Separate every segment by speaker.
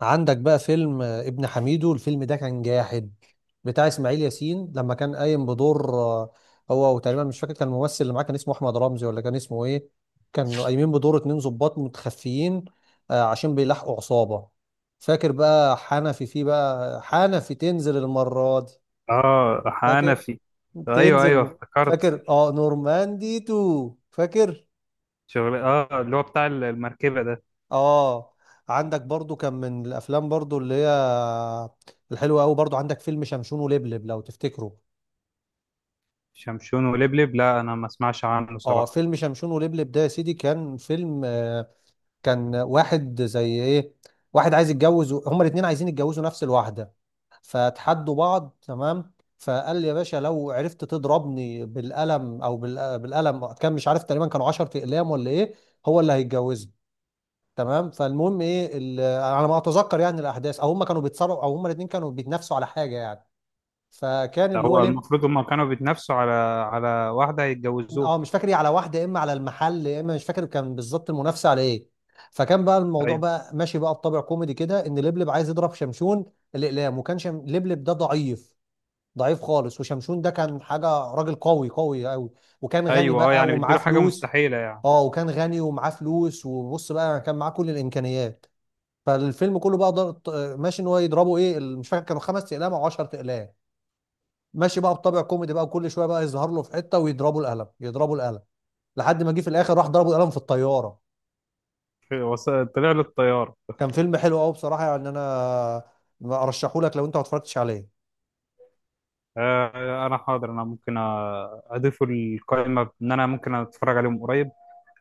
Speaker 1: عندك بقى فيلم ابن حميدو، الفيلم ده كان جاحد بتاع اسماعيل ياسين لما كان قايم بدور. هو وتقريبا مش فاكر، كان الممثل اللي معاه كان اسمه احمد رمزي ولا كان اسمه ايه. كانوا قايمين بدور اتنين ضباط متخفيين عشان بيلاحقوا عصابة. فاكر بقى حنفي، فيه بقى حنفي تنزل المرة دي،
Speaker 2: اه،
Speaker 1: فاكر
Speaker 2: حنفي. ايوه، ايوه،
Speaker 1: تنزل،
Speaker 2: افتكرت.
Speaker 1: فاكر اه نورماندي تو، فاكر
Speaker 2: شغل، اللي هو بتاع المركبه ده.
Speaker 1: اه. عندك برضو كان من الافلام برضو اللي هي الحلوه قوي، برضو عندك فيلم شمشون ولبلب لو تفتكره.
Speaker 2: شمشون ولبلب، لا انا ما اسمعش عنه
Speaker 1: اه
Speaker 2: صراحه.
Speaker 1: فيلم شمشون ولبلب ده يا سيدي كان فيلم. كان واحد زي ايه، واحد عايز يتجوز هما الاتنين عايزين يتجوزوا نفس الواحده فتحدوا بعض. تمام، فقال لي يا باشا لو عرفت تضربني بالقلم او بالقلم، كان مش عارف تقريبا كانوا 10 اقلام ولا ايه، هو اللي هيتجوزني. تمام، فالمهم ايه على ما اتذكر يعني الاحداث، او هم كانوا بيتصارعوا، او هم الاثنين كانوا بيتنافسوا على حاجه يعني، فكان
Speaker 2: ده
Speaker 1: اللي هو
Speaker 2: هو
Speaker 1: ليه.
Speaker 2: المفروض هم كانوا بيتنافسوا على واحده هيتجوزوها.
Speaker 1: اه مش فاكر ايه، على واحده يا اما على المحل يا اما مش فاكر كان بالظبط المنافسه على ايه. فكان بقى الموضوع
Speaker 2: ايوه،
Speaker 1: بقى ماشي بقى بطابع كوميدي كده ان لبلب عايز يضرب شمشون الاقلام، وكان لبلب ده ضعيف، ضعيف خالص. وشمشون ده كان حاجه راجل قوي قوي قوي، وكان غني
Speaker 2: ايوه، اه
Speaker 1: بقى
Speaker 2: يعني
Speaker 1: ومعاه
Speaker 2: بيديله حاجه
Speaker 1: فلوس.
Speaker 2: مستحيله يعني.
Speaker 1: اه وكان غني ومعاه فلوس، وبص بقى كان معاه كل الامكانيات. فالفيلم كله بقى ضغط ماشي ان هو يضربه ايه مش فاكر كانوا خمس اقلام او 10 اقلام، ماشي بقى بطابع كوميدي بقى، وكل شويه بقى يظهر له في حته ويضربوا القلم يضربوا القلم، لحد ما جه في الاخر راح ضربوا القلم في الطياره.
Speaker 2: وص- طلع له الطيار.
Speaker 1: كان فيلم حلو قوي بصراحه يعني، انا ارشحه لك لو انت ما اتفرجتش عليه.
Speaker 2: آه، انا حاضر، انا ممكن اضيفه القائمه ان انا ممكن اتفرج عليهم قريب.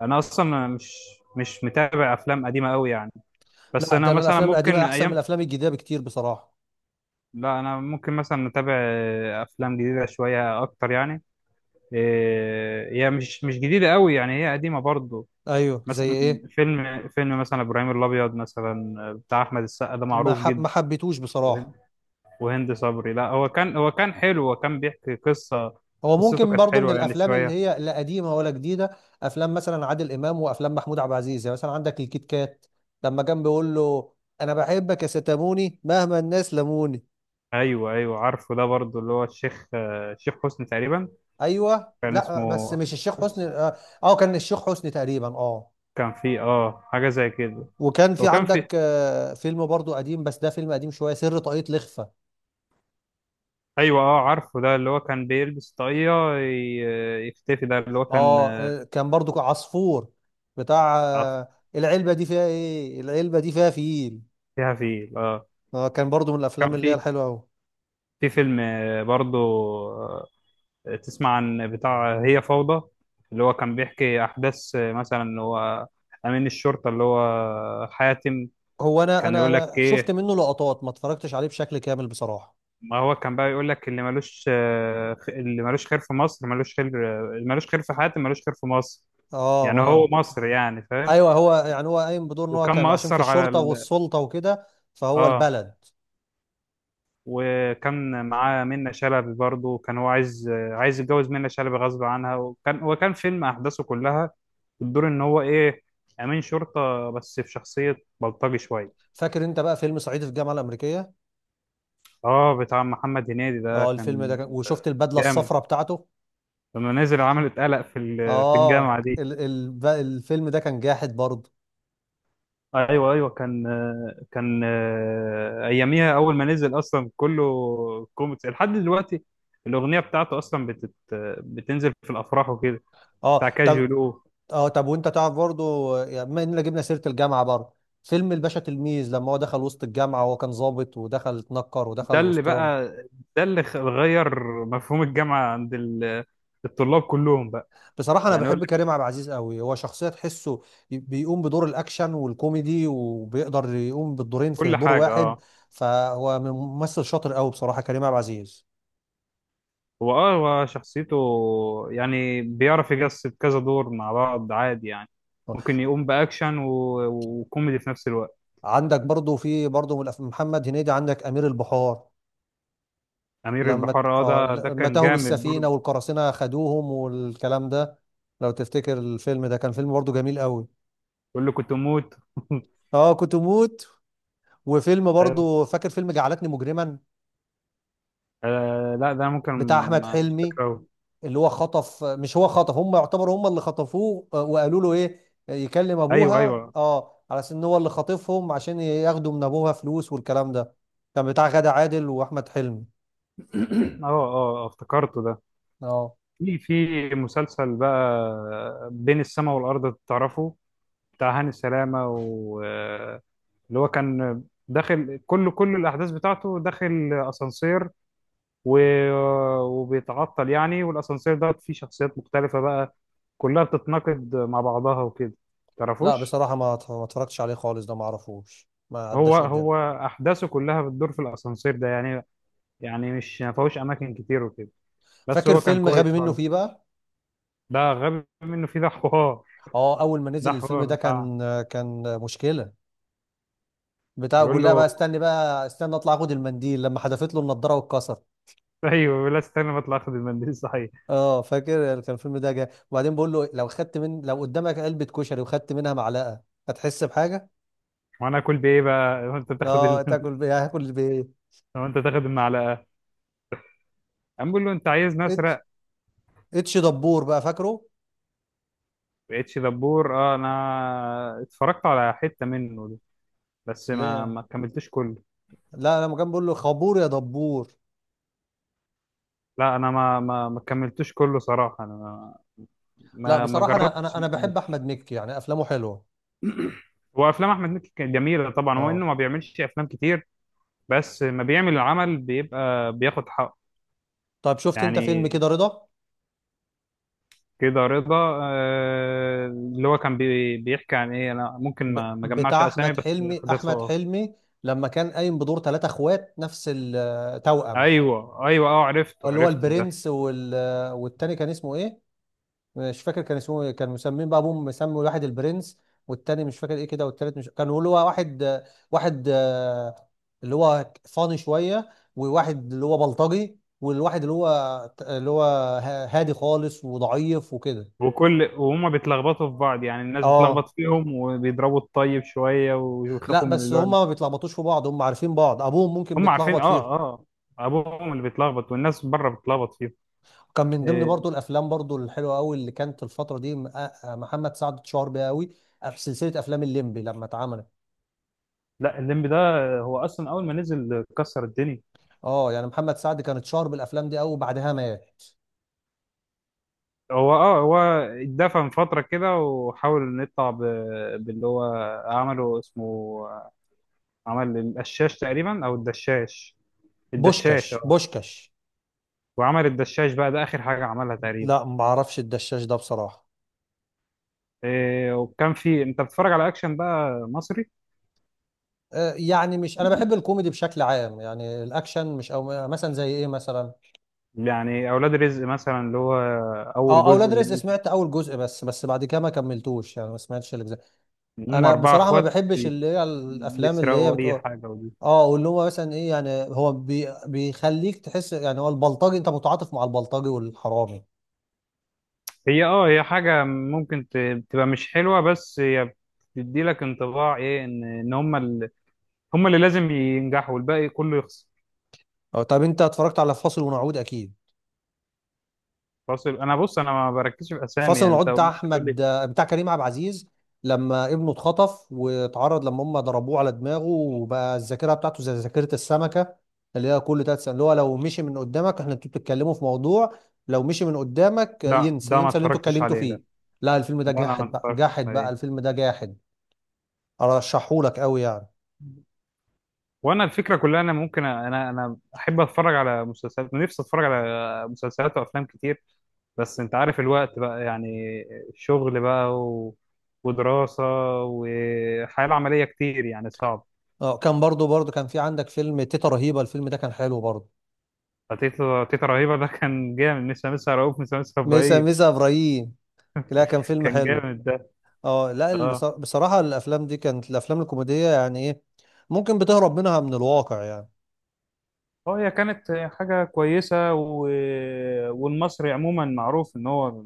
Speaker 2: انا اصلا مش متابع افلام قديمه قوي يعني. بس
Speaker 1: لا ده
Speaker 2: انا
Speaker 1: انا
Speaker 2: مثلا
Speaker 1: الافلام
Speaker 2: ممكن
Speaker 1: القديمه
Speaker 2: من
Speaker 1: احسن من
Speaker 2: ايام.
Speaker 1: الافلام الجديده بكتير بصراحه.
Speaker 2: لا، انا ممكن مثلا اتابع افلام جديده شويه اكتر يعني. هي مش جديده قوي يعني، هي قديمه برضو.
Speaker 1: ايوه زي
Speaker 2: مثلا
Speaker 1: ايه.
Speaker 2: فيلم مثلا ابراهيم الابيض مثلا بتاع احمد السقا ده معروف
Speaker 1: ما
Speaker 2: جدا.
Speaker 1: حبيتوش
Speaker 2: وهند
Speaker 1: بصراحه.
Speaker 2: وهند صبري. لا، هو كان حلو، هو كان بيحكي قصه.
Speaker 1: هو
Speaker 2: قصته
Speaker 1: ممكن
Speaker 2: كانت
Speaker 1: برضو من
Speaker 2: حلوه يعني
Speaker 1: الافلام اللي
Speaker 2: شويه.
Speaker 1: هي لا قديمه ولا جديده. افلام مثلا عادل امام وافلام محمود عبد العزيز يعني، مثلا عندك الكيت كات، لما كان بيقول له: انا بحبك يا ستاموني مهما الناس لموني.
Speaker 2: ايوه، ايوه، عارفه ده برضو اللي هو الشيخ، الشيخ حسني تقريبا.
Speaker 1: ايوه،
Speaker 2: كان
Speaker 1: لا بس
Speaker 2: اسمه.
Speaker 1: مش الشيخ حسني اه. كان الشيخ حسني تقريبا اه.
Speaker 2: كان فيه حاجه زي كده.
Speaker 1: وكان في
Speaker 2: وكان في.
Speaker 1: عندك فيلم برضو قديم، بس ده فيلم قديم شويه، سر طاقية لخفة.
Speaker 2: ايوه، اه، عارفه ده اللي هو كان بيلبس طاقية يختفي، ده اللي هو كان
Speaker 1: اه كان برضو عصفور بتاع
Speaker 2: عطف.
Speaker 1: العلبه دي فيها ايه، العلبه دي فيها فيل.
Speaker 2: فيها، فيه اه.
Speaker 1: اه كان برضو من
Speaker 2: كان
Speaker 1: الافلام اللي هي
Speaker 2: في
Speaker 1: الحلوه قوي.
Speaker 2: في فيلم برضو. آه، تسمع عن بتاع هي فوضى، اللي هو كان بيحكي احداث، مثلا اللي هو امين الشرطة اللي هو حاتم.
Speaker 1: هو انا
Speaker 2: كان
Speaker 1: انا
Speaker 2: يقول لك
Speaker 1: انا شفت
Speaker 2: ايه؟
Speaker 1: منه لقطات، ما اتفرجتش عليه بشكل كامل بصراحه.
Speaker 2: ما هو كان بقى يقول لك اللي ملوش، اللي ملوش خير في مصر ملوش خير. اللي ملوش خير في حاتم ملوش خير في مصر.
Speaker 1: اه ما
Speaker 2: يعني
Speaker 1: انا.
Speaker 2: هو مصر، يعني فاهم.
Speaker 1: ايوه هو، يعني هو قايم بدور ان هو
Speaker 2: وكان
Speaker 1: كان عشان في
Speaker 2: مأثر على
Speaker 1: الشرطه
Speaker 2: ال...
Speaker 1: والسلطه وكده، فهو
Speaker 2: اه،
Speaker 1: البلد.
Speaker 2: وكان معاه منة شلبي برضه، كان هو عايز، يتجوز منة شلبي غصب عنها. وكان هو كان فيلم أحداثه كلها بتدور إن هو إيه، أمين شرطة بس في شخصية بلطجي شوية.
Speaker 1: فاكر انت بقى فيلم صعيدي في الجامعه الامريكيه؟
Speaker 2: آه، بتاع محمد هنيدي ده
Speaker 1: اه الفيلم ده
Speaker 2: كان
Speaker 1: كان، وشفت البدله
Speaker 2: جامد.
Speaker 1: الصفراء بتاعته.
Speaker 2: لما نزل عمل اتقلق في
Speaker 1: اه
Speaker 2: الجامعة دي.
Speaker 1: الفيلم ده كان جاحد برضه.
Speaker 2: ايوه، ايوه، كان اياميها اول ما نزل اصلا كله كوميكس لحد دلوقتي. الاغنيه بتاعته اصلا بتنزل في الافراح وكده.
Speaker 1: اه
Speaker 2: بتاع
Speaker 1: طب.
Speaker 2: كاجولو.
Speaker 1: اه طب وانت تعرف برضه، يعني بما اننا جبنا سيره الجامعه برضه، فيلم الباشا تلميذ، لما هو دخل وسط الجامعه وهو كان ضابط ودخل اتنكر
Speaker 2: ده
Speaker 1: ودخل
Speaker 2: اللي
Speaker 1: وسطهم.
Speaker 2: بقى ده اللي غير مفهوم الجامعة عند ال- الطلاب كلهم بقى.
Speaker 1: بصراحة أنا
Speaker 2: يعني يقول
Speaker 1: بحب
Speaker 2: لك
Speaker 1: كريم عبد العزيز قوي، هو شخصية تحسه بيقوم بدور الأكشن والكوميدي، وبيقدر يقوم بالدورين في
Speaker 2: كل
Speaker 1: دور
Speaker 2: حاجة
Speaker 1: واحد.
Speaker 2: اه.
Speaker 1: فهو ممثل شاطر قوي بصراحة كريم عبد العزيز.
Speaker 2: هو، هو شخصيته، يعني بيعرف يجسد كذا دور مع بعض عادي يعني. ممكن يقوم بأكشن وكوميدي في نفس الوقت.
Speaker 1: عندك برضو، في برضو من محمد هنيدي، عندك أمير البحار،
Speaker 2: أمير
Speaker 1: لما
Speaker 2: البحار، اه
Speaker 1: آه
Speaker 2: ده
Speaker 1: لما
Speaker 2: كان
Speaker 1: تاهوا
Speaker 2: جامد
Speaker 1: بالسفينة
Speaker 2: برضه.
Speaker 1: والقراصنة خدوهم والكلام ده. لو تفتكر الفيلم ده كان فيلم برضو جميل قوي.
Speaker 2: يقول له كنت أموت
Speaker 1: اه كنت موت. وفيلم
Speaker 2: أيوه،
Speaker 1: برضو، فاكر فيلم جعلتني مجرما
Speaker 2: آه، لا ده ممكن.
Speaker 1: بتاع أحمد
Speaker 2: مش
Speaker 1: حلمي،
Speaker 2: فاكره أوي.
Speaker 1: اللي هو خطف، مش هو خطف، هم يعتبروا هم اللي خطفوه. وقالوا له ايه، يكلم
Speaker 2: أيوه،
Speaker 1: ابوها
Speaker 2: أيوه.
Speaker 1: اه على اساس ان هو اللي خاطفهم عشان ياخدوا من ابوها فلوس والكلام ده. كان بتاع غادة عادل واحمد حلمي
Speaker 2: اه، اه، افتكرته ده.
Speaker 1: اه.
Speaker 2: في مسلسل بقى بين السماء والأرض تعرفه؟ بتاع هاني سلامة و... اللي هو كان داخل كل الأحداث بتاعته داخل أسانسير و... وبيتعطل يعني، والأسانسير ده فيه شخصيات مختلفة بقى كلها بتتناقض مع بعضها وكده.
Speaker 1: لا
Speaker 2: تعرفوش؟
Speaker 1: بصراحة ما اتفرجتش عليه خالص، ده ما اعرفوش ما
Speaker 2: هو
Speaker 1: عداش قدامي.
Speaker 2: هو أحداثه كلها بتدور في الأسانسير ده يعني، يعني مش، ما فيهوش أماكن كتير وكده، بس
Speaker 1: فاكر
Speaker 2: هو كان
Speaker 1: فيلم غبي
Speaker 2: كويس
Speaker 1: منه
Speaker 2: برضه.
Speaker 1: فيه بقى؟
Speaker 2: ده غبي منه فيه. ده حوار
Speaker 1: اه اول ما
Speaker 2: ده
Speaker 1: نزل الفيلم ده
Speaker 2: حوار
Speaker 1: كان، كان مشكلة. بتاع
Speaker 2: بيقول
Speaker 1: بقول لها بقى:
Speaker 2: له،
Speaker 1: استني بقى، استني اطلع اخد المنديل، لما حدفت له النضارة واتكسر.
Speaker 2: ايوه، بيقول لا استنى ما اطلع اخد المنديل صحيح.
Speaker 1: اه فاكر كان الفيلم ده جاي، وبعدين بقول له: لو خدت من، لو قدامك علبة كشري وخدت منها معلقة، هتحس بحاجة؟
Speaker 2: وانا اكل بايه بقى لو انت تاخد
Speaker 1: اه
Speaker 2: ال...
Speaker 1: تاكل بيه، هاكل بايه؟
Speaker 2: لو انت تاخد المعلقه، قام بيقول له انت عايزني
Speaker 1: اتش،
Speaker 2: اسرق.
Speaker 1: اتش دبور بقى فاكره؟
Speaker 2: اتش دبور، اه انا اتفرجت على حته منه ده بس ما
Speaker 1: لا
Speaker 2: ما كملتوش كله.
Speaker 1: لا لما كان بقول له: خبور يا دبور.
Speaker 2: لا، انا ما كملتوش كله صراحه، انا ما
Speaker 1: لا
Speaker 2: ما ما
Speaker 1: بصراحة انا انا
Speaker 2: جربتش إني
Speaker 1: انا
Speaker 2: أكمله.
Speaker 1: بحب احمد مكي يعني افلامه حلوة.
Speaker 2: هو افلام احمد مكي كانت جميله طبعا، هو انه
Speaker 1: اه
Speaker 2: ما بيعملش افلام كتير بس ما بيعمل العمل بيبقى بياخد حقه.
Speaker 1: طب شفت انت فيلم
Speaker 2: يعني
Speaker 1: كده رضا؟
Speaker 2: كده رضا، اللي هو كان بيحكي عن ايه؟ انا ممكن ما اجمعش
Speaker 1: بتاع
Speaker 2: اسامي
Speaker 1: احمد
Speaker 2: بس
Speaker 1: حلمي،
Speaker 2: احداثه
Speaker 1: احمد
Speaker 2: اه.
Speaker 1: حلمي لما كان قايم بدور ثلاثة اخوات نفس التوأم،
Speaker 2: ايوه، ايوه، اه عرفته،
Speaker 1: اللي هو
Speaker 2: عرفته ده.
Speaker 1: البرنس والتاني كان اسمه ايه؟ مش فاكر كان اسمه ايه، كان مسمين بقى، ابوهم مسمي واحد البرنس والتاني مش فاكر ايه كده، والتالت مش كان اللي هو واحد، واحد اللي هو فاني شويه، وواحد اللي هو بلطجي، والواحد اللي هو اللي هو هادي خالص وضعيف وكده.
Speaker 2: وهما بيتلخبطوا في بعض يعني، الناس بتلخبط
Speaker 1: اه
Speaker 2: فيهم وبيضربوا الطيب شويه
Speaker 1: لا
Speaker 2: ويخافوا من
Speaker 1: بس
Speaker 2: اللي هو.
Speaker 1: هما ما بيتلخبطوش في بعض، هما عارفين بعض، ابوهم ممكن
Speaker 2: هم عارفين،
Speaker 1: بيتلخبط فيهم.
Speaker 2: اه، اه، ابوهم اللي بيتلخبط والناس بره بتلخبط فيهم.
Speaker 1: كان من ضمن
Speaker 2: آه،
Speaker 1: برضو الافلام برضو الحلوه قوي اللي كانت الفتره دي محمد سعد اتشهر بيها قوي في سلسله افلام الليمبي لما اتعملت.
Speaker 2: لا الليمبي ده هو اصلا اول ما نزل كسر الدنيا.
Speaker 1: اه يعني محمد سعد كان اتشهر بالافلام دي قوي وبعدها مات.
Speaker 2: هو، هو اتدفن فتره كده وحاول إنه يطلع باللي هو عمله اسمه، عمل القشاش تقريبا او الدشاش. الدشاش
Speaker 1: بوشكاش،
Speaker 2: اه.
Speaker 1: بوشكاش.
Speaker 2: وعمل الدشاش بقى ده اخر حاجه عملها تقريبا.
Speaker 1: لا ما اعرفش الدشاش ده بصراحه.
Speaker 2: إيه، وكان في، انت بتتفرج على اكشن بقى مصري؟
Speaker 1: يعني مش، انا بحب الكوميدي بشكل عام، يعني الاكشن مش، او مثلا زي ايه مثلا.
Speaker 2: يعني اولاد رزق مثلا اللي هو اول
Speaker 1: اه
Speaker 2: جزء،
Speaker 1: اولاد رزق
Speaker 2: اللي
Speaker 1: سمعت اول جزء بس، بس بعد كده ما كملتوش، يعني ما سمعتش الاجزاء.
Speaker 2: هم
Speaker 1: انا
Speaker 2: اربعه
Speaker 1: بصراحه ما
Speaker 2: اخوات
Speaker 1: بحبش اللي هي الافلام اللي هي
Speaker 2: بيسرقوا اي
Speaker 1: بتقول.
Speaker 2: حاجه ودي.
Speaker 1: اه واللي هو مثلا ايه، يعني هو بيخليك تحس يعني هو البلطجي، انت متعاطف مع البلطجي والحرامي.
Speaker 2: هي، هي حاجه ممكن تبقى مش حلوه بس هي بتدي لك انطباع ايه ان هم ال... هم اللي لازم ينجحوا والباقي كله يخسر.
Speaker 1: اه طب انت اتفرجت على فاصل ونعود؟ اكيد،
Speaker 2: فاصل، انا بص انا ما بركزش في اسامي
Speaker 1: فصل
Speaker 2: يعني،
Speaker 1: العود
Speaker 2: انت
Speaker 1: بتاع
Speaker 2: ممكن تقول
Speaker 1: احمد،
Speaker 2: لي.
Speaker 1: بتاع كريم عبد العزيز، لما ابنه اتخطف واتعرض، لما هم ضربوه على دماغه، وبقى الذاكره بتاعته زي ذاكره السمكه اللي هي كل 3 سنين، اللي هو لو مشي من قدامك، احنا انتوا بتتكلموا في موضوع لو مشي من قدامك
Speaker 2: لا
Speaker 1: ينسى،
Speaker 2: ده ما
Speaker 1: ينسى اللي انتوا
Speaker 2: اتفرجتش
Speaker 1: اتكلمتوا
Speaker 2: عليه
Speaker 1: فيه.
Speaker 2: ده.
Speaker 1: لا الفيلم ده
Speaker 2: ده انا ما
Speaker 1: جاحد بقى،
Speaker 2: اتفرجتش
Speaker 1: جاحد بقى،
Speaker 2: عليه.
Speaker 1: الفيلم ده جاحد، ارشحهولك قوي يعني.
Speaker 2: وانا الفكره كلها، انا ممكن انا احب اتفرج على مسلسلات، نفسي اتفرج على مسلسلات وافلام كتير بس انت عارف الوقت بقى يعني، شغل بقى و... ودراسه وحياه العمليه كتير يعني صعب.
Speaker 1: اه كان برضو كان في عندك فيلم تيتا رهيبه، الفيلم ده كان حلو برضو.
Speaker 2: تيتا، تيتا رهيبه ده كان جامد، مش لسه رؤوف، مش لسه
Speaker 1: ميسا،
Speaker 2: ابراهيم.
Speaker 1: ميسا ابراهيم. لا كان فيلم
Speaker 2: كان
Speaker 1: حلو.
Speaker 2: جامد ده.
Speaker 1: اه لا
Speaker 2: اه،
Speaker 1: بصراحة الافلام دي كانت الافلام الكوميدية يعني ايه، ممكن بتهرب منها من الواقع يعني.
Speaker 2: اه، هي كانت حاجه كويسه و... والمصري عموما معروف ان هو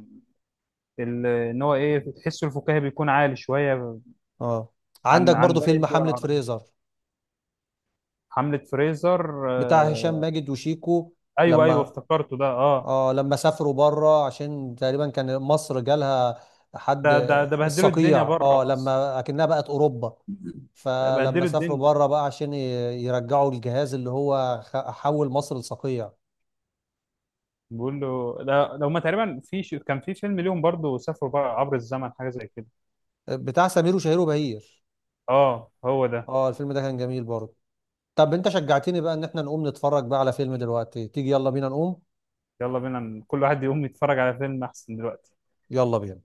Speaker 2: ال- ان هو ايه، تحسه الفكاهي بيكون عالي شويه
Speaker 1: اه
Speaker 2: عن
Speaker 1: عندك
Speaker 2: عن
Speaker 1: برضو
Speaker 2: باقي
Speaker 1: فيلم
Speaker 2: الدول
Speaker 1: حملة
Speaker 2: العربيه.
Speaker 1: فريزر
Speaker 2: حمله فريزر،
Speaker 1: بتاع هشام
Speaker 2: آه.
Speaker 1: ماجد وشيكو،
Speaker 2: ايوه، ايوه،
Speaker 1: لما
Speaker 2: افتكرته ده، اه.
Speaker 1: اه لما سافروا بره عشان تقريبا كان مصر جالها حد،
Speaker 2: ده بهدلوا الدنيا
Speaker 1: الصقيع
Speaker 2: بره
Speaker 1: اه،
Speaker 2: مصر.
Speaker 1: لما اكنها بقت اوروبا،
Speaker 2: ده
Speaker 1: فلما
Speaker 2: بهدلوا
Speaker 1: سافروا
Speaker 2: الدنيا.
Speaker 1: بره بقى عشان يرجعوا الجهاز اللي هو حول مصر لصقيع.
Speaker 2: بيقول له لا لو ما تقريبا في ش... كان في فيلم ليهم برضو سافروا بقى عبر الزمن حاجه زي كده.
Speaker 1: بتاع سمير وشهير وبهير.
Speaker 2: اه، هو ده.
Speaker 1: اه الفيلم ده كان جميل برضه. طب انت شجعتني بقى ان احنا نقوم نتفرج بقى على فيلم دلوقتي، تيجي يلا بينا نقوم.
Speaker 2: يلا بينا، كل واحد يقوم يتفرج على فيلم احسن دلوقتي.
Speaker 1: يلا بينا.